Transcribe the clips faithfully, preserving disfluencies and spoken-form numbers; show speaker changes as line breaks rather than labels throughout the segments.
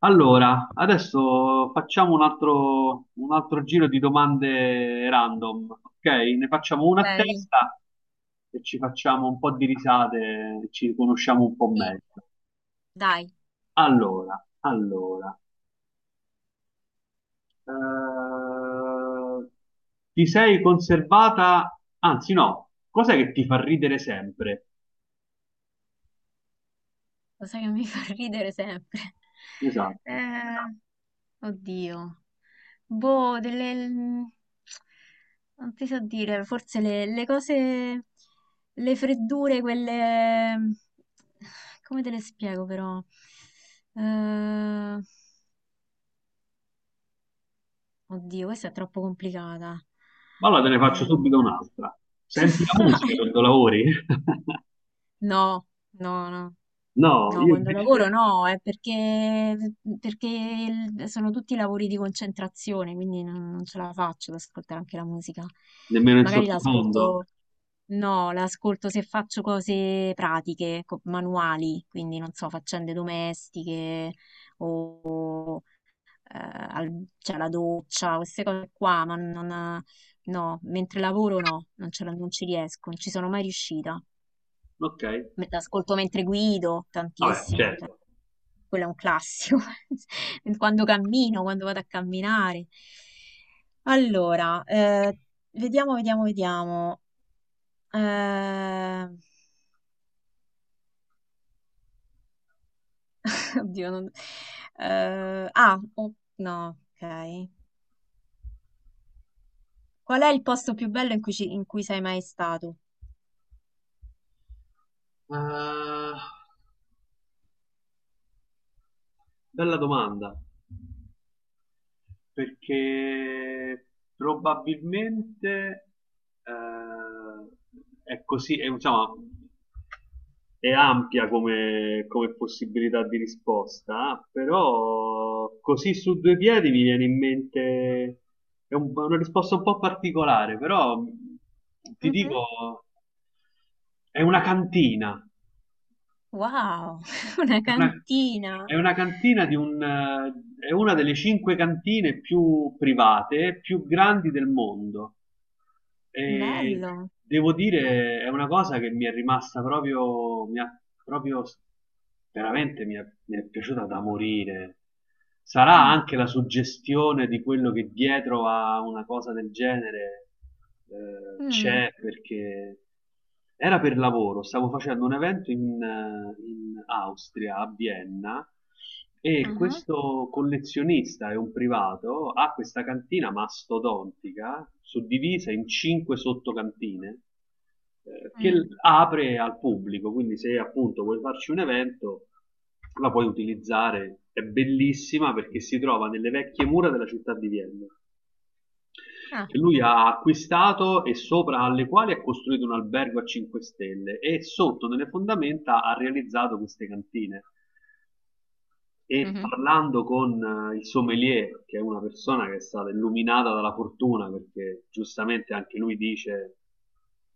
Allora, adesso facciamo un altro, un altro giro di domande random, ok? Ne facciamo una a
Ok,
testa e ci facciamo un po' di risate, ci conosciamo un po'
sì,
meglio.
dai,
Allora, allora, eh, ti sei conservata, anzi no, cos'è che ti fa ridere sempre?
lo sai che mi fa ridere sempre.
Esatto.
Eh, Oddio. Boh, delle... Non ti so dire, forse le, le cose... Le freddure, quelle... Come te le spiego però? Eh, Oddio, questa è troppo complicata.
Ma Allora te ne faccio subito un'altra. Senti la musica
Vai.
quando lavori?
No, no, no.
No,
No,
io
quando
invece
lavoro no, è perché, perché il- sono tutti lavori di concentrazione, quindi non, non ce la faccio ad ascoltare anche la musica.
nemmeno in
Magari
sottofondo.
l'ascolto, no, l'ascolto se faccio cose pratiche, co- manuali, quindi non so, faccende domestiche o eh, al- cioè, la doccia, queste cose qua, ma non, no, mentre lavoro no, non ce la- non ci riesco, non ci sono mai riuscita.
Ok,
Me- L'ascolto mentre guido,
vabbè,
tantissimo. Cioè
certo.
quello è un classico, quando cammino, quando vado a camminare. Allora, eh, vediamo, vediamo, vediamo. Eh, oddio, non... eh, ah, oh, no, ok. Qual è il posto più bello in cui, ci- in cui sei mai stato?
Eh, Bella domanda, perché probabilmente eh, è così, è, diciamo, è ampia come, come possibilità di risposta, però così su due piedi mi viene in mente, è un- una risposta un po' particolare, però ti
Mhm.
dico, è una cantina.
Wow, una
È una, è
cantina.
una cantina di un, eh, è una delle cinque cantine più private, più grandi del mondo. E
Bello.
devo dire, è una cosa che mi è rimasta proprio, mi ha- proprio s- veramente mi è, mi è piaciuta da morire. Sarà
Mm,
anche la suggestione di quello che dietro a una cosa del genere eh,
mm,
c'è, perché era per lavoro, stavo facendo un evento in, eh, in Austria, a Vienna, e
aha,
questo collezionista è un privato, ha questa cantina mastodontica, suddivisa in cinque sottocantine, eh, che
mm.
l- apre al pubblico, quindi se appunto vuoi farci un evento, la puoi utilizzare, è bellissima perché si trova nelle vecchie mura della città di Vienna
Ah,
che lui ha acquistato e sopra alle quali ha costruito un albergo a cinque stelle e sotto nelle fondamenta ha realizzato queste cantine. E
mhm,
parlando con eh, il sommelier, che è una persona che è stata illuminata dalla fortuna, perché giustamente anche lui dice,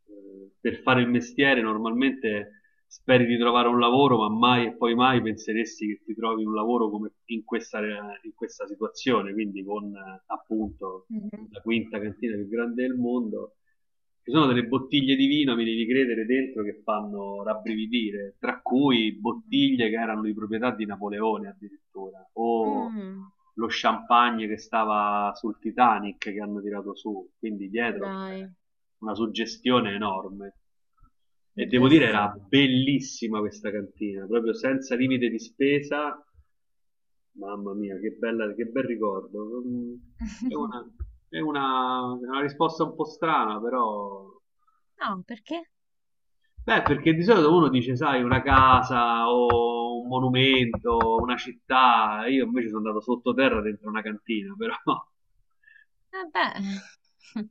eh, per fare il mestiere normalmente speri di trovare un lavoro, ma mai e poi mai penseresti che ti trovi un lavoro come in questa, in questa situazione, quindi con eh, appunto
mhm,
la quinta cantina più grande del mondo. Ci sono delle bottiglie di vino, mi devi credere, dentro che fanno rabbrividire, tra cui
mhm.
bottiglie che erano di proprietà di Napoleone addirittura, o
Mm,
lo champagne che stava sul Titanic che hanno tirato su, quindi dietro c'è
dai,
una suggestione enorme. E devo dire, era
bellissimo.
bellissima questa cantina, proprio senza limite di spesa. Mamma mia, che bella, che bel ricordo. Mm, È una, è una- è una risposta un po' strana, però.
No, perché?
Beh, perché di solito uno dice, sai, una casa o un monumento, una città. Io invece sono andato sottoterra dentro una cantina, però
Eh beh,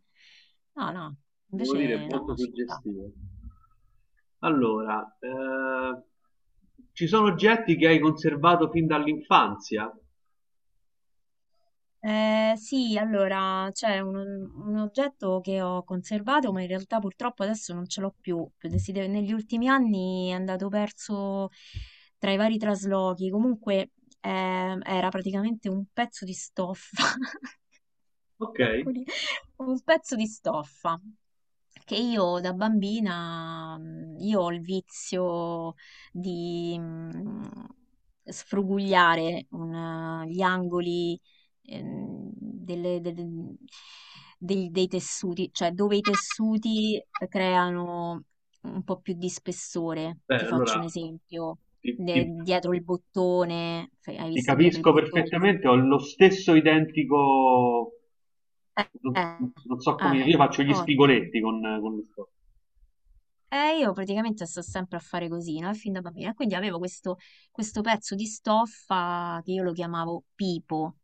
no, no,
devo dire è
invece no,
molto
ci sta.
suggestivo. Allora, eh, ci sono oggetti che hai conservato fin dall'infanzia?
Eh, sì, allora c'è un, un oggetto che ho conservato, ma in realtà purtroppo adesso non ce l'ho più. Si deve- Negli ultimi anni è andato perso tra i vari traslochi. Comunque eh, era praticamente un pezzo di stoffa,
Ok,
troppo lì, un pezzo di stoffa, che io da bambina, mm, io ho il vizio di mm, sfrugugliare un, eh, gli angoli ehm, delle- delle- dei, dei tessuti, cioè dove i tessuti creano un po' più di spessore.
beh,
Ti faccio
allora
un esempio,
ti,
de-
ti-
dietro il bottone, fai- hai
ti
visto dietro il
capisco
bottone?
perfettamente, ho lo stesso identico,
Eh,
non,
eh,
non so come,
ah,
io faccio gli
ottimo.
spigoletti con, con lo sport.
E io praticamente sto sempre a fare così, no? Fin da bambina. Quindi avevo questo, questo pezzo di stoffa che io lo chiamavo pipo,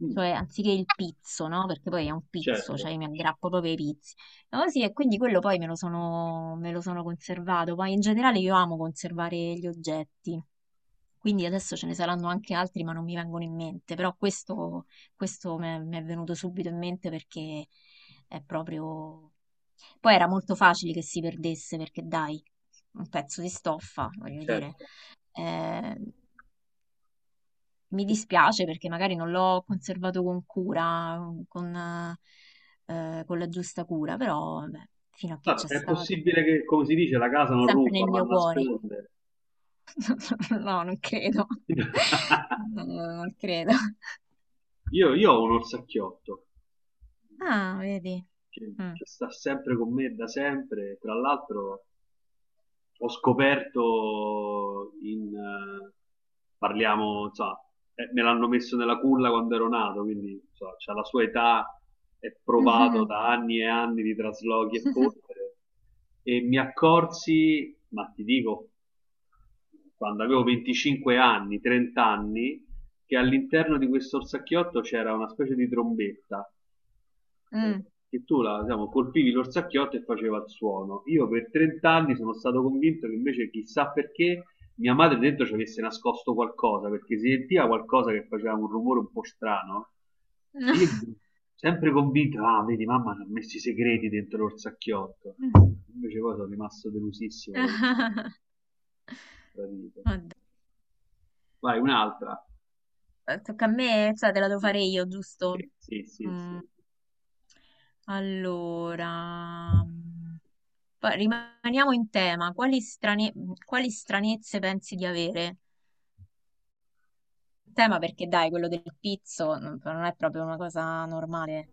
Mm,
cioè anziché il pizzo, no? Perché poi è un pizzo,
certo,
cioè io mi aggrappo proprio ai pizzi. No, sì, e quindi quello poi me lo sono, me lo sono conservato. Poi in generale io amo conservare gli oggetti, quindi adesso ce ne saranno anche altri, ma non mi vengono in mente. Però questo, questo mi è mi è venuto subito in mente perché è proprio... Poi era molto facile che si perdesse perché dai, un pezzo di stoffa, voglio dire.
certo.
Eh, mi dispiace perché magari non l'ho conservato con cura, con, eh, con la giusta cura, però beh, fino a che
Ah,
c'è
è
stato,
possibile che, come si dice, la casa non
sempre
ruba,
nel
ma
mio cuore.
nasconde.
No, non credo. No, no, no, non credo.
Io, io ho un orsacchiotto
Ah, vedi.
che,
Mm.
che sta sempre con me da sempre, tra l'altro ho scoperto in... eh, parliamo, insomma, eh, me l'hanno messo nella culla quando ero nato, quindi insomma, c'ha la sua età, è provato da anni e anni di traslochi e polvere, e mi accorsi, ma ti dico, quando avevo venticinque anni, trenta anni, che all'interno di questo orsacchiotto c'era una specie di trombetta
Mhm.
eh, che tu la, diciamo, colpivi l'orsacchiotto e faceva il suono. Io per trenta anni sono stato convinto che invece chissà perché mia madre dentro ci avesse nascosto qualcosa, perché si sentiva qualcosa che faceva un rumore un po' strano.
Mm.
Io mi sono sempre convinto, ah, vedi, mamma ci ha messo i segreti dentro l'orsacchiotto. Invece poi sono rimasto delusissimo da questo tradito.
Oddio.
Vai, un'altra.
Tocca a me, cioè te la devo fare io, giusto?
Sì, sì, sì, sì.
Mm, allora, mm, pa- rimaniamo in tema. Quali strane- mm, quali stranezze pensi di avere? Tema perché dai, quello del pizzo non non è proprio una cosa normale.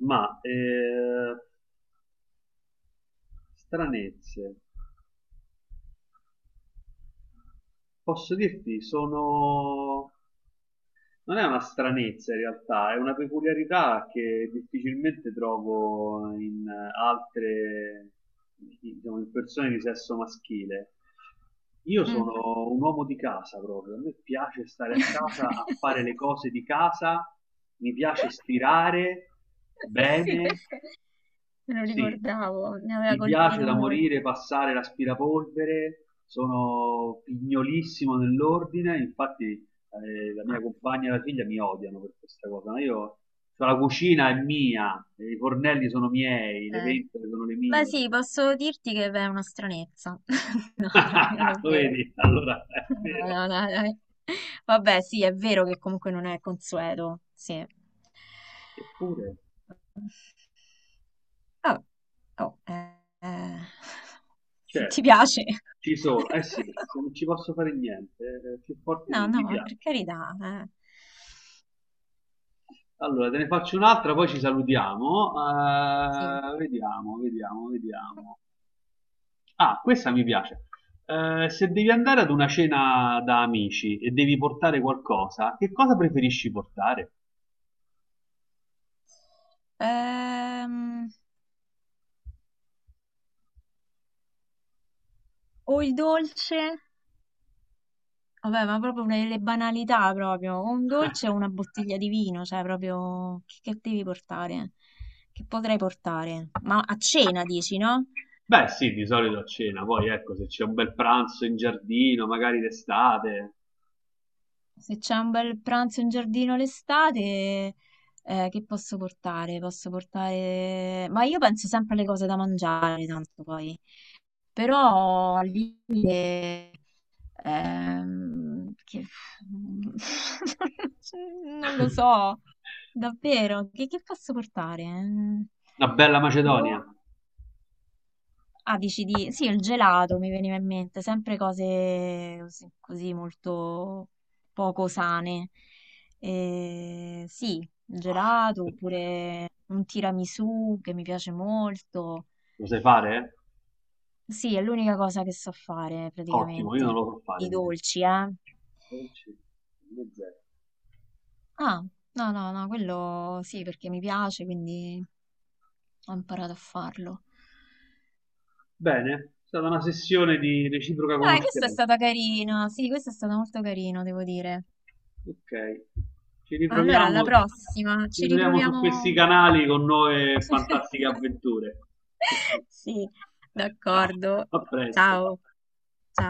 Ma eh, stranezze. Posso dirti, sono... non è una stranezza in realtà, è una peculiarità che difficilmente trovo in altre, diciamo, in persone di sesso maschile. Io
Mm.
sono un uomo di casa proprio, a me piace stare a casa a fare le cose di casa, mi piace stirare
Sì,
bene,
questo me lo
sì,
ricordavo, mi aveva
mi piace
colpito
da
molto.
morire passare l'aspirapolvere, sono pignolissimo nell'ordine, infatti eh, la mia
Ah,
compagna e la figlia mi odiano per questa cosa, ma io, cioè, la cucina è mia, i fornelli sono miei, le
ok.
ventole sono le
Beh
mie.
sì, posso dirti che beh, è una stranezza. No, dai, non è
Lo
vero.
vedi? Allora è
No,
vero.
no, no, dai. Vabbè, sì, è vero che comunque non è consueto, sì.
Eppure,
Vabbè. Oh, eh, eh, se ti
certo,
piace.
ci sono, eh sì, se non ci posso fare niente, eh, più forte
No,
di mi
no,
piace.
per carità. Eh.
Allora, te ne faccio un'altra, poi ci salutiamo.
Sì.
Eh, vediamo, vediamo, vediamo. Ah, questa mi piace. Eh, se devi andare ad una cena da amici e devi portare qualcosa, che cosa preferisci portare?
Ehm, o il dolce, vabbè, ma proprio una delle banalità proprio, o un dolce o una bottiglia di vino, cioè proprio che, che devi portare? Che potrei portare? Ma a cena dici, no?
Beh, sì, di solito a cena, poi ecco, se c'è un bel pranzo in giardino, magari d'estate,
Se c'è un bel pranzo in giardino l'estate, eh, che posso portare? Posso portare... Ma io penso sempre alle cose da mangiare, tanto poi. Però al limite... ehm, che... Non lo so, davvero, che, che posso portare? Mm,
una bella macedonia.
boh. Ah, dici di... Sì, il gelato mi veniva in mente, sempre cose cos- così molto poco sane. Eh, sì, il gelato oppure un tiramisù che mi piace molto.
Lo sai fare?
Sì, è l'unica cosa che so fare
Ottimo, io non
praticamente.
lo so fare
Di
invece.
dolci, eh?
Non ci- non è zero.
Ah, no, no, no, quello sì, perché mi piace, quindi ho imparato a farlo.
Bene, è stata una sessione di reciproca
Dai, questa è
conoscenza.
stata carina. Sì, questa è stata molto carina, devo dire.
Ok, ci
Allora, alla
ritroviamo,
prossima,
ci
ci
ritroviamo su questi
riproviamo.
canali con nuove fantastiche avventure.
Sì,
Ciao,
d'accordo.
a presto.
Ciao. Ciao.